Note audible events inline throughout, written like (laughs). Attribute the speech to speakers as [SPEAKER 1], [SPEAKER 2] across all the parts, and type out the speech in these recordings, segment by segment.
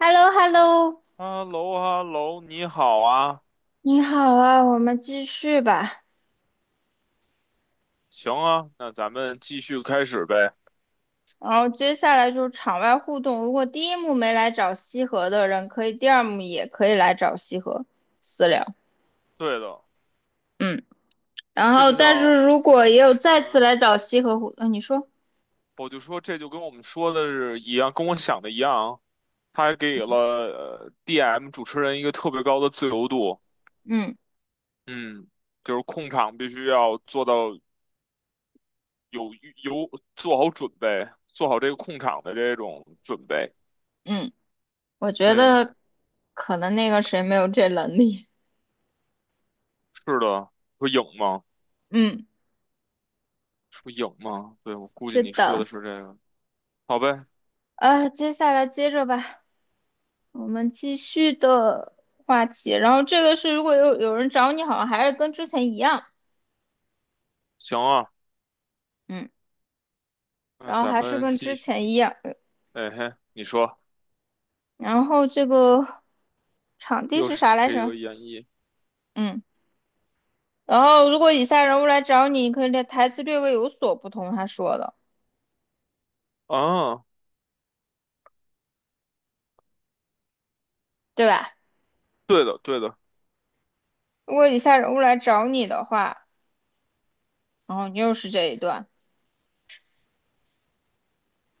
[SPEAKER 1] h e l l o h e l l o
[SPEAKER 2] 哈喽哈喽，你好啊，
[SPEAKER 1] 你好啊，我们继续吧。
[SPEAKER 2] 行啊，那咱们继续开始呗。
[SPEAKER 1] 然后接下来就是场外互动。如果第一幕没来找西河的人，可以第二幕也可以来找西河私聊。
[SPEAKER 2] 对的，
[SPEAKER 1] 嗯，然
[SPEAKER 2] 这
[SPEAKER 1] 后
[SPEAKER 2] 就
[SPEAKER 1] 但
[SPEAKER 2] 像，
[SPEAKER 1] 是如果也有再次
[SPEAKER 2] 嗯，
[SPEAKER 1] 来找西河互，你说，
[SPEAKER 2] 我就说这就跟我们说的是一样，跟我想的一样，他还给了DM 主持人一个特别高的自由度。
[SPEAKER 1] 嗯
[SPEAKER 2] 嗯，就是控场必须要做到有有做好准备，做好这个控场的这种准备。
[SPEAKER 1] 嗯，我觉
[SPEAKER 2] 对，
[SPEAKER 1] 得可能那个谁没有这能力。
[SPEAKER 2] 是的，说影吗？
[SPEAKER 1] 嗯，
[SPEAKER 2] 说影吗？对，我估计
[SPEAKER 1] 是
[SPEAKER 2] 你说
[SPEAKER 1] 的。
[SPEAKER 2] 的是这个。好呗，
[SPEAKER 1] 接下来接着吧，我们继续的话题。然后这个是如果有人找你，好像还是跟之前一样。
[SPEAKER 2] 行啊。
[SPEAKER 1] 嗯。
[SPEAKER 2] 那
[SPEAKER 1] 然后
[SPEAKER 2] 咱
[SPEAKER 1] 还是
[SPEAKER 2] 们
[SPEAKER 1] 跟
[SPEAKER 2] 继
[SPEAKER 1] 之
[SPEAKER 2] 续，
[SPEAKER 1] 前一样，嗯
[SPEAKER 2] 哎嘿，你说
[SPEAKER 1] 然后这个场地
[SPEAKER 2] 又
[SPEAKER 1] 是
[SPEAKER 2] 是
[SPEAKER 1] 啥来
[SPEAKER 2] 一个
[SPEAKER 1] 着？
[SPEAKER 2] 演绎
[SPEAKER 1] 嗯，然后如果以下人物来找你，可以略台词略微有所不同，他说的，
[SPEAKER 2] 啊？
[SPEAKER 1] 对吧？
[SPEAKER 2] 对的，对的。
[SPEAKER 1] 如果以下人物来找你的话，然后你又是这一段，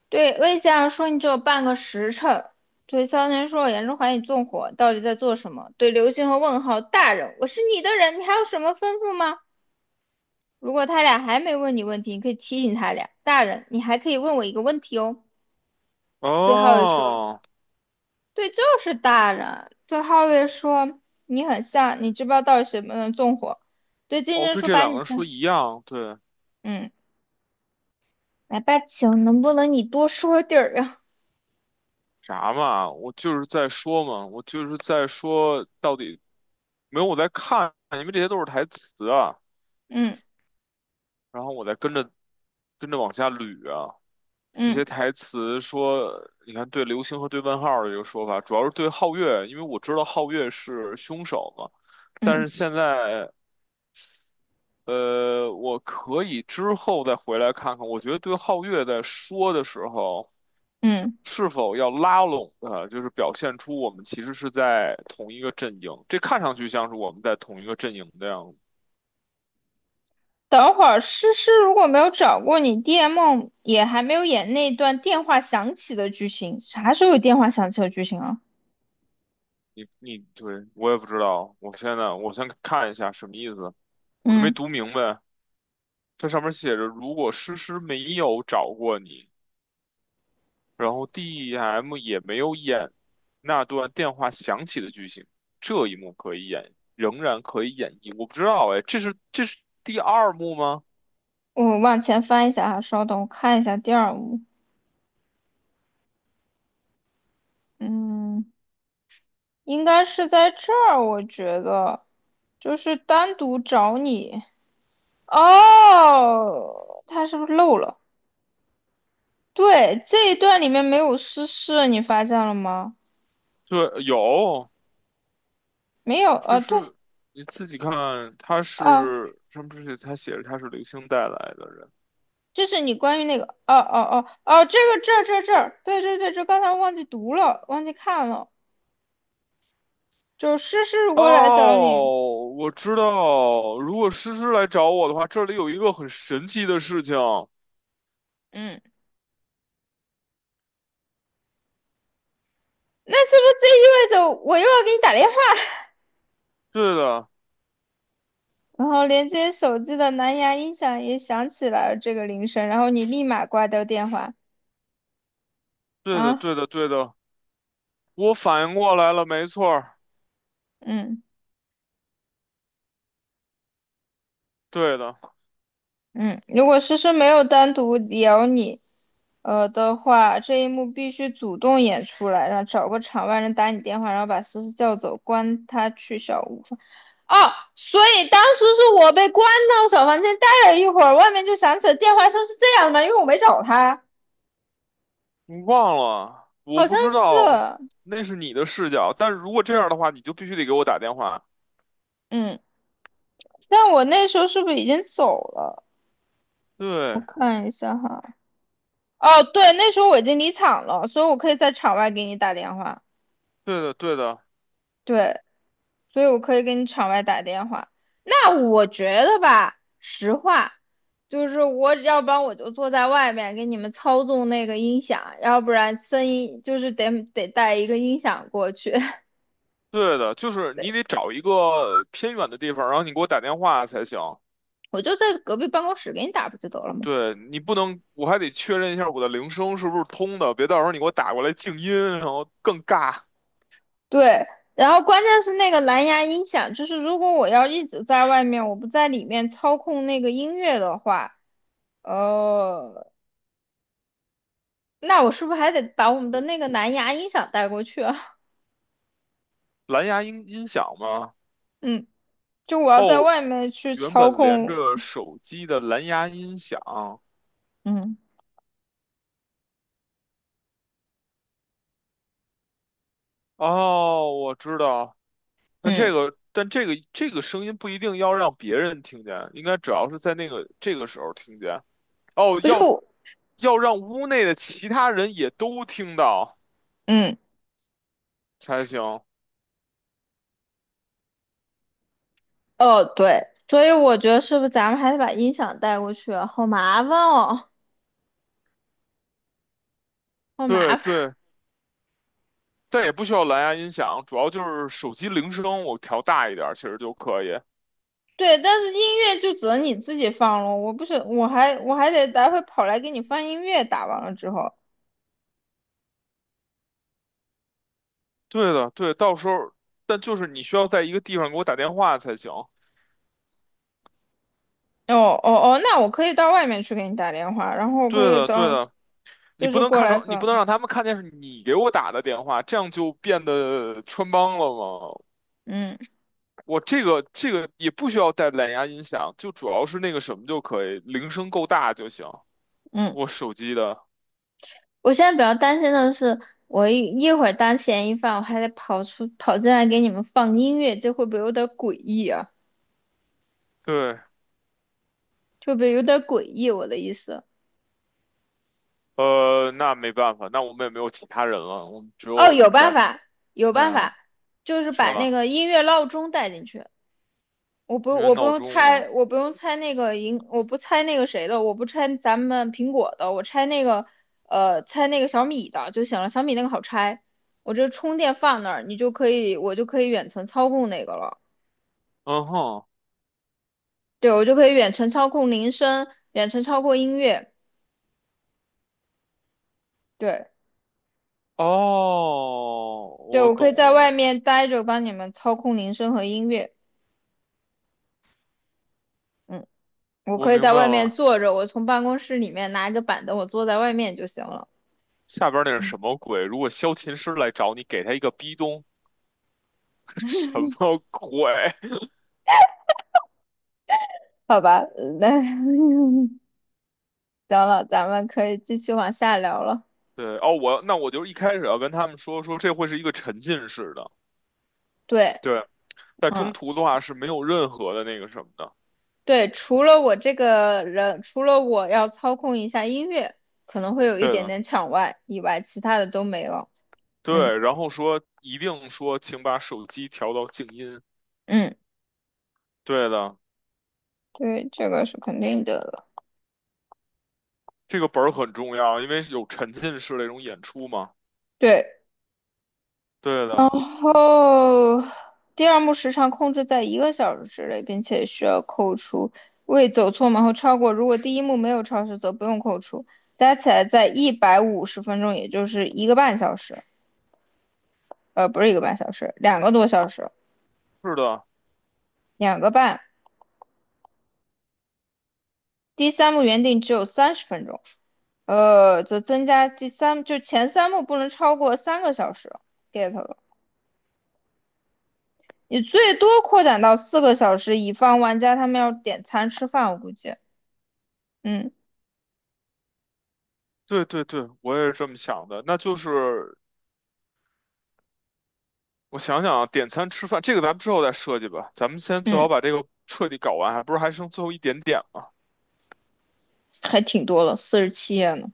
[SPEAKER 1] 对，魏先生说你只有半个时辰，对萧炎说我严重怀疑你纵火，到底在做什么？对刘星和问号大人，我是你的人，你还有什么吩咐吗？如果他俩还没问你问题，你可以提醒他俩。大人，你还可以问我一个问题哦。对浩宇说：
[SPEAKER 2] 哦，
[SPEAKER 1] “对，就是大人。对哈月说：“你很像，你知不知道到底谁不能纵火？”对金
[SPEAKER 2] 哦，
[SPEAKER 1] 针
[SPEAKER 2] 对，
[SPEAKER 1] 说：
[SPEAKER 2] 这
[SPEAKER 1] “把
[SPEAKER 2] 两
[SPEAKER 1] 你
[SPEAKER 2] 个人说
[SPEAKER 1] 像……
[SPEAKER 2] 一样，对。
[SPEAKER 1] 嗯，来吧，请能不能你多说点儿呀？
[SPEAKER 2] 啥嘛？我就是在说嘛，我就是在说到底没有，我在看，因为这些都是台词啊，
[SPEAKER 1] 嗯
[SPEAKER 2] 然后我在跟着往下捋啊。这
[SPEAKER 1] 嗯
[SPEAKER 2] 些台词说，你看对流星和对问号的一个说法，主要是对皓月，因为我知道皓月是凶手嘛。但
[SPEAKER 1] 嗯
[SPEAKER 2] 是现在我可以之后再回来看看。我觉得对皓月在说的时候，
[SPEAKER 1] 嗯。
[SPEAKER 2] 是否要拉拢他，就是表现出我们其实是在同一个阵营。这看上去像是我们在同一个阵营的样子。
[SPEAKER 1] 等会儿诗诗如果没有找过你，DM 也还没有演那段电话响起的剧情。啥时候有电话响起的剧情啊？
[SPEAKER 2] 你对我也不知道，我现在我先看一下什么意思，我都没
[SPEAKER 1] 嗯，
[SPEAKER 2] 读明白。这上面写着，如果诗诗没有找过你。然后 d m 也没有演那段电话响起的剧情，这一幕可以演，仍然可以演绎。我不知道哎，这是第二幕吗？
[SPEAKER 1] 我往前翻一下啊，稍等，我看一下第二幕。嗯。”应该是在这儿，我觉得，就是单独找你。哦，他是不是漏了？对，这一段里面没有私事，你发现了吗？
[SPEAKER 2] 对，有，
[SPEAKER 1] 没有，
[SPEAKER 2] 这
[SPEAKER 1] 对，
[SPEAKER 2] 是你自己看，他
[SPEAKER 1] 啊，
[SPEAKER 2] 是上面是他写着他是流星带来的人。
[SPEAKER 1] 这是你关于那个，哦哦哦哦，这个这儿这儿这儿，对对对，这刚才忘记读了，忘记看了，就是诗诗如果来找你，
[SPEAKER 2] 哦，我知道，如果诗诗来找我的话，这里有一个很神奇的事情。
[SPEAKER 1] 嗯，那是不是这意味着我又要给你打电话？
[SPEAKER 2] 对的，
[SPEAKER 1] 然后连接手机的蓝牙音响也响起来了这个铃声，然后你立马挂掉电话
[SPEAKER 2] 对的，
[SPEAKER 1] 啊，
[SPEAKER 2] 对的，对的，我反应过来了，没错儿，
[SPEAKER 1] 嗯
[SPEAKER 2] 对的。
[SPEAKER 1] 嗯，如果诗诗没有单独聊你，的话，这一幕必须主动演出来，然后找个场外人打你电话，然后把思思叫走，关他去小屋房哦，所以当时是我被关到小房间待了一会儿，外面就响起了电话声，是这样的吗？因为我没找他，
[SPEAKER 2] 你忘了？我
[SPEAKER 1] 好
[SPEAKER 2] 不
[SPEAKER 1] 像
[SPEAKER 2] 知
[SPEAKER 1] 是，
[SPEAKER 2] 道，那是你的视角。但是如果这样的话，你就必须得给我打电话。
[SPEAKER 1] 嗯，但我那时候是不是已经走了？我
[SPEAKER 2] 对，
[SPEAKER 1] 看一下哈。哦，对，那时候我已经离场了，所以我可以在场外给你打电话。
[SPEAKER 2] 对的，对的，
[SPEAKER 1] 对，所以我可以给你场外打电话。那我觉得吧，实话，就是我要不然我就坐在外面给你们操纵那个音响，要不然声音就是得带一个音响过去。(laughs)
[SPEAKER 2] 对的，就是
[SPEAKER 1] 对，
[SPEAKER 2] 你得找一个偏远的地方，然后你给我打电话才行。
[SPEAKER 1] 我就在隔壁办公室给你打不就得了吗？
[SPEAKER 2] 对，你不能，我还得确认一下我的铃声是不是通的，别到时候你给我打过来静音，然后更尬。
[SPEAKER 1] 对。然后关键是那个蓝牙音响，就是如果我要一直在外面，我不在里面操控那个音乐的话，哦，那我是不是还得把我们的
[SPEAKER 2] 哦，
[SPEAKER 1] 那个蓝牙音响带过去啊？
[SPEAKER 2] 蓝牙音响吗？
[SPEAKER 1] (laughs) 嗯，就我要在
[SPEAKER 2] 哦，
[SPEAKER 1] 外面去
[SPEAKER 2] 原
[SPEAKER 1] 操
[SPEAKER 2] 本连
[SPEAKER 1] 控，
[SPEAKER 2] 着手机的蓝牙音响。
[SPEAKER 1] 嗯
[SPEAKER 2] 哦，我知道。但这
[SPEAKER 1] 嗯，
[SPEAKER 2] 个，但这个这个声音不一定要让别人听见，应该主要是在那个这个时候听见。哦，
[SPEAKER 1] 不是
[SPEAKER 2] 要
[SPEAKER 1] 我，
[SPEAKER 2] 要让屋内的其他人也都听到
[SPEAKER 1] 嗯
[SPEAKER 2] 才行。
[SPEAKER 1] 哦对，所以我觉得是不是咱们还得把音响带过去啊好麻烦哦，好麻
[SPEAKER 2] 对
[SPEAKER 1] 烦。
[SPEAKER 2] 对，但也不需要蓝牙音响，主要就是手机铃声我调大一点儿，其实就可以。
[SPEAKER 1] (laughs) 对，但是音乐就只能你自己放了，我不是，我还得待会跑来给你放音乐，打完了之后，
[SPEAKER 2] 对的，对，到时候，但就是你需要在一个地方给我打电话才行。
[SPEAKER 1] 哦哦哦，那我可以到外面去给你打电话，然后我可
[SPEAKER 2] 对
[SPEAKER 1] 以
[SPEAKER 2] 的，对
[SPEAKER 1] 到，
[SPEAKER 2] 的，你
[SPEAKER 1] 就
[SPEAKER 2] 不
[SPEAKER 1] 是
[SPEAKER 2] 能
[SPEAKER 1] 过
[SPEAKER 2] 看
[SPEAKER 1] 来
[SPEAKER 2] 成，你不能
[SPEAKER 1] 放，
[SPEAKER 2] 让他们看见是你给我打的电话，这样就变得穿帮了嘛。
[SPEAKER 1] 嗯
[SPEAKER 2] 我这个这个也不需要带蓝牙音响，就主要是那个什么就可以，铃声够大就行。
[SPEAKER 1] 嗯。
[SPEAKER 2] 我手机的，
[SPEAKER 1] 我现在比较担心的是，我一会儿当嫌疑犯，我还得跑出跑进来给你们放音乐，这会不会有点诡异啊？
[SPEAKER 2] 对，
[SPEAKER 1] 这会不会有点诡异？我的意思，
[SPEAKER 2] 那没办法，那我们也没有其他人了，我们只
[SPEAKER 1] 哦，
[SPEAKER 2] 有
[SPEAKER 1] 有办
[SPEAKER 2] 咱，
[SPEAKER 1] 法，有
[SPEAKER 2] 对
[SPEAKER 1] 办
[SPEAKER 2] 啊，
[SPEAKER 1] 法，就是
[SPEAKER 2] 是
[SPEAKER 1] 把那
[SPEAKER 2] 吧？
[SPEAKER 1] 个音乐闹钟带进去。
[SPEAKER 2] 因为
[SPEAKER 1] 我不
[SPEAKER 2] 闹
[SPEAKER 1] 用
[SPEAKER 2] 钟嘛，
[SPEAKER 1] 拆，我不用拆那个银，我不拆那个谁的，我不拆咱们苹果的，我拆那个，拆那个小米的就行了。小米那个好拆，我这充电放那儿，你就可以，我就可以远程操控那个了。
[SPEAKER 2] 嗯哼，
[SPEAKER 1] 对，我就可以远程操控铃声，远程操控音乐。对，
[SPEAKER 2] 哦，
[SPEAKER 1] 对，
[SPEAKER 2] 我
[SPEAKER 1] 我可
[SPEAKER 2] 懂
[SPEAKER 1] 以在外
[SPEAKER 2] 了，
[SPEAKER 1] 面待着，帮你们操控铃声和音乐。嗯，我
[SPEAKER 2] 我
[SPEAKER 1] 可以
[SPEAKER 2] 明
[SPEAKER 1] 在
[SPEAKER 2] 白
[SPEAKER 1] 外面
[SPEAKER 2] 了。
[SPEAKER 1] 坐着，我从办公室里面拿一个板凳，我坐在外面就行了。
[SPEAKER 2] 下边那是
[SPEAKER 1] 嗯，
[SPEAKER 2] 什么鬼？如果萧琴师来找你，给他一个逼咚，(laughs) 什么鬼？
[SPEAKER 1] 好吧，那 (laughs) 行了，咱们可以继续往下聊了。
[SPEAKER 2] (laughs) 对，哦，我那我就一开始要跟他们说说，这会是一个沉浸式的。
[SPEAKER 1] 对，
[SPEAKER 2] 对。在中
[SPEAKER 1] 嗯，
[SPEAKER 2] 途的话是没有任何的那个什么的。
[SPEAKER 1] 对，除了我这个人，除了我要操控一下音乐，可能会有一
[SPEAKER 2] 对
[SPEAKER 1] 点
[SPEAKER 2] 的，
[SPEAKER 1] 点抢外以外，其他的都没了。嗯
[SPEAKER 2] 对，然后说一定说，请把手机调到静音。
[SPEAKER 1] 嗯，
[SPEAKER 2] 对的，
[SPEAKER 1] 对，这个是肯定的。了。
[SPEAKER 2] 这个本儿很重要，因为有沉浸式那种演出嘛。
[SPEAKER 1] 对，
[SPEAKER 2] 对
[SPEAKER 1] 然
[SPEAKER 2] 的，
[SPEAKER 1] 后第二幕时长控制在一个小时之内，并且需要扣除未走错门或超过。如果第一幕没有超时，则不用扣除，加起来在150分钟，也就是一个半小时。不是一个半小时，2个多小时，
[SPEAKER 2] 是的，
[SPEAKER 1] 2个半。第三幕原定只有30分钟，则增加第三，就前三幕不能超过3个小时。get 了，你最多扩展到4个小时，以防玩家他们要点餐吃饭，我估计。嗯。
[SPEAKER 2] 对对对，我也是这么想的。那就是我想想啊，点餐吃饭这个咱们之后再设计吧，咱们先最
[SPEAKER 1] 嗯，
[SPEAKER 2] 好把这个彻底搞完，还不是还剩最后一点点嘛。
[SPEAKER 1] 还挺多了，47页呢。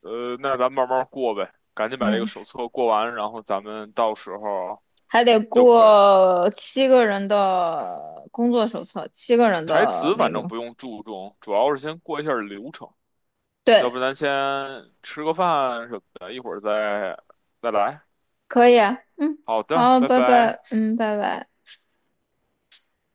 [SPEAKER 2] 那咱们慢慢过呗，赶紧把这个
[SPEAKER 1] 嗯，
[SPEAKER 2] 手册过完，然后咱们到时候
[SPEAKER 1] 还得
[SPEAKER 2] 就可以。
[SPEAKER 1] 过七个人的工作手册，七个人
[SPEAKER 2] 台
[SPEAKER 1] 的
[SPEAKER 2] 词
[SPEAKER 1] 那
[SPEAKER 2] 反正
[SPEAKER 1] 个，
[SPEAKER 2] 不用注重，主要是先过一下流程。要
[SPEAKER 1] 对，
[SPEAKER 2] 不咱先吃个饭什么的，一会儿再来。
[SPEAKER 1] 可以啊嗯，
[SPEAKER 2] 好的，
[SPEAKER 1] 好，
[SPEAKER 2] 拜
[SPEAKER 1] 拜
[SPEAKER 2] 拜。
[SPEAKER 1] 拜。嗯，拜拜。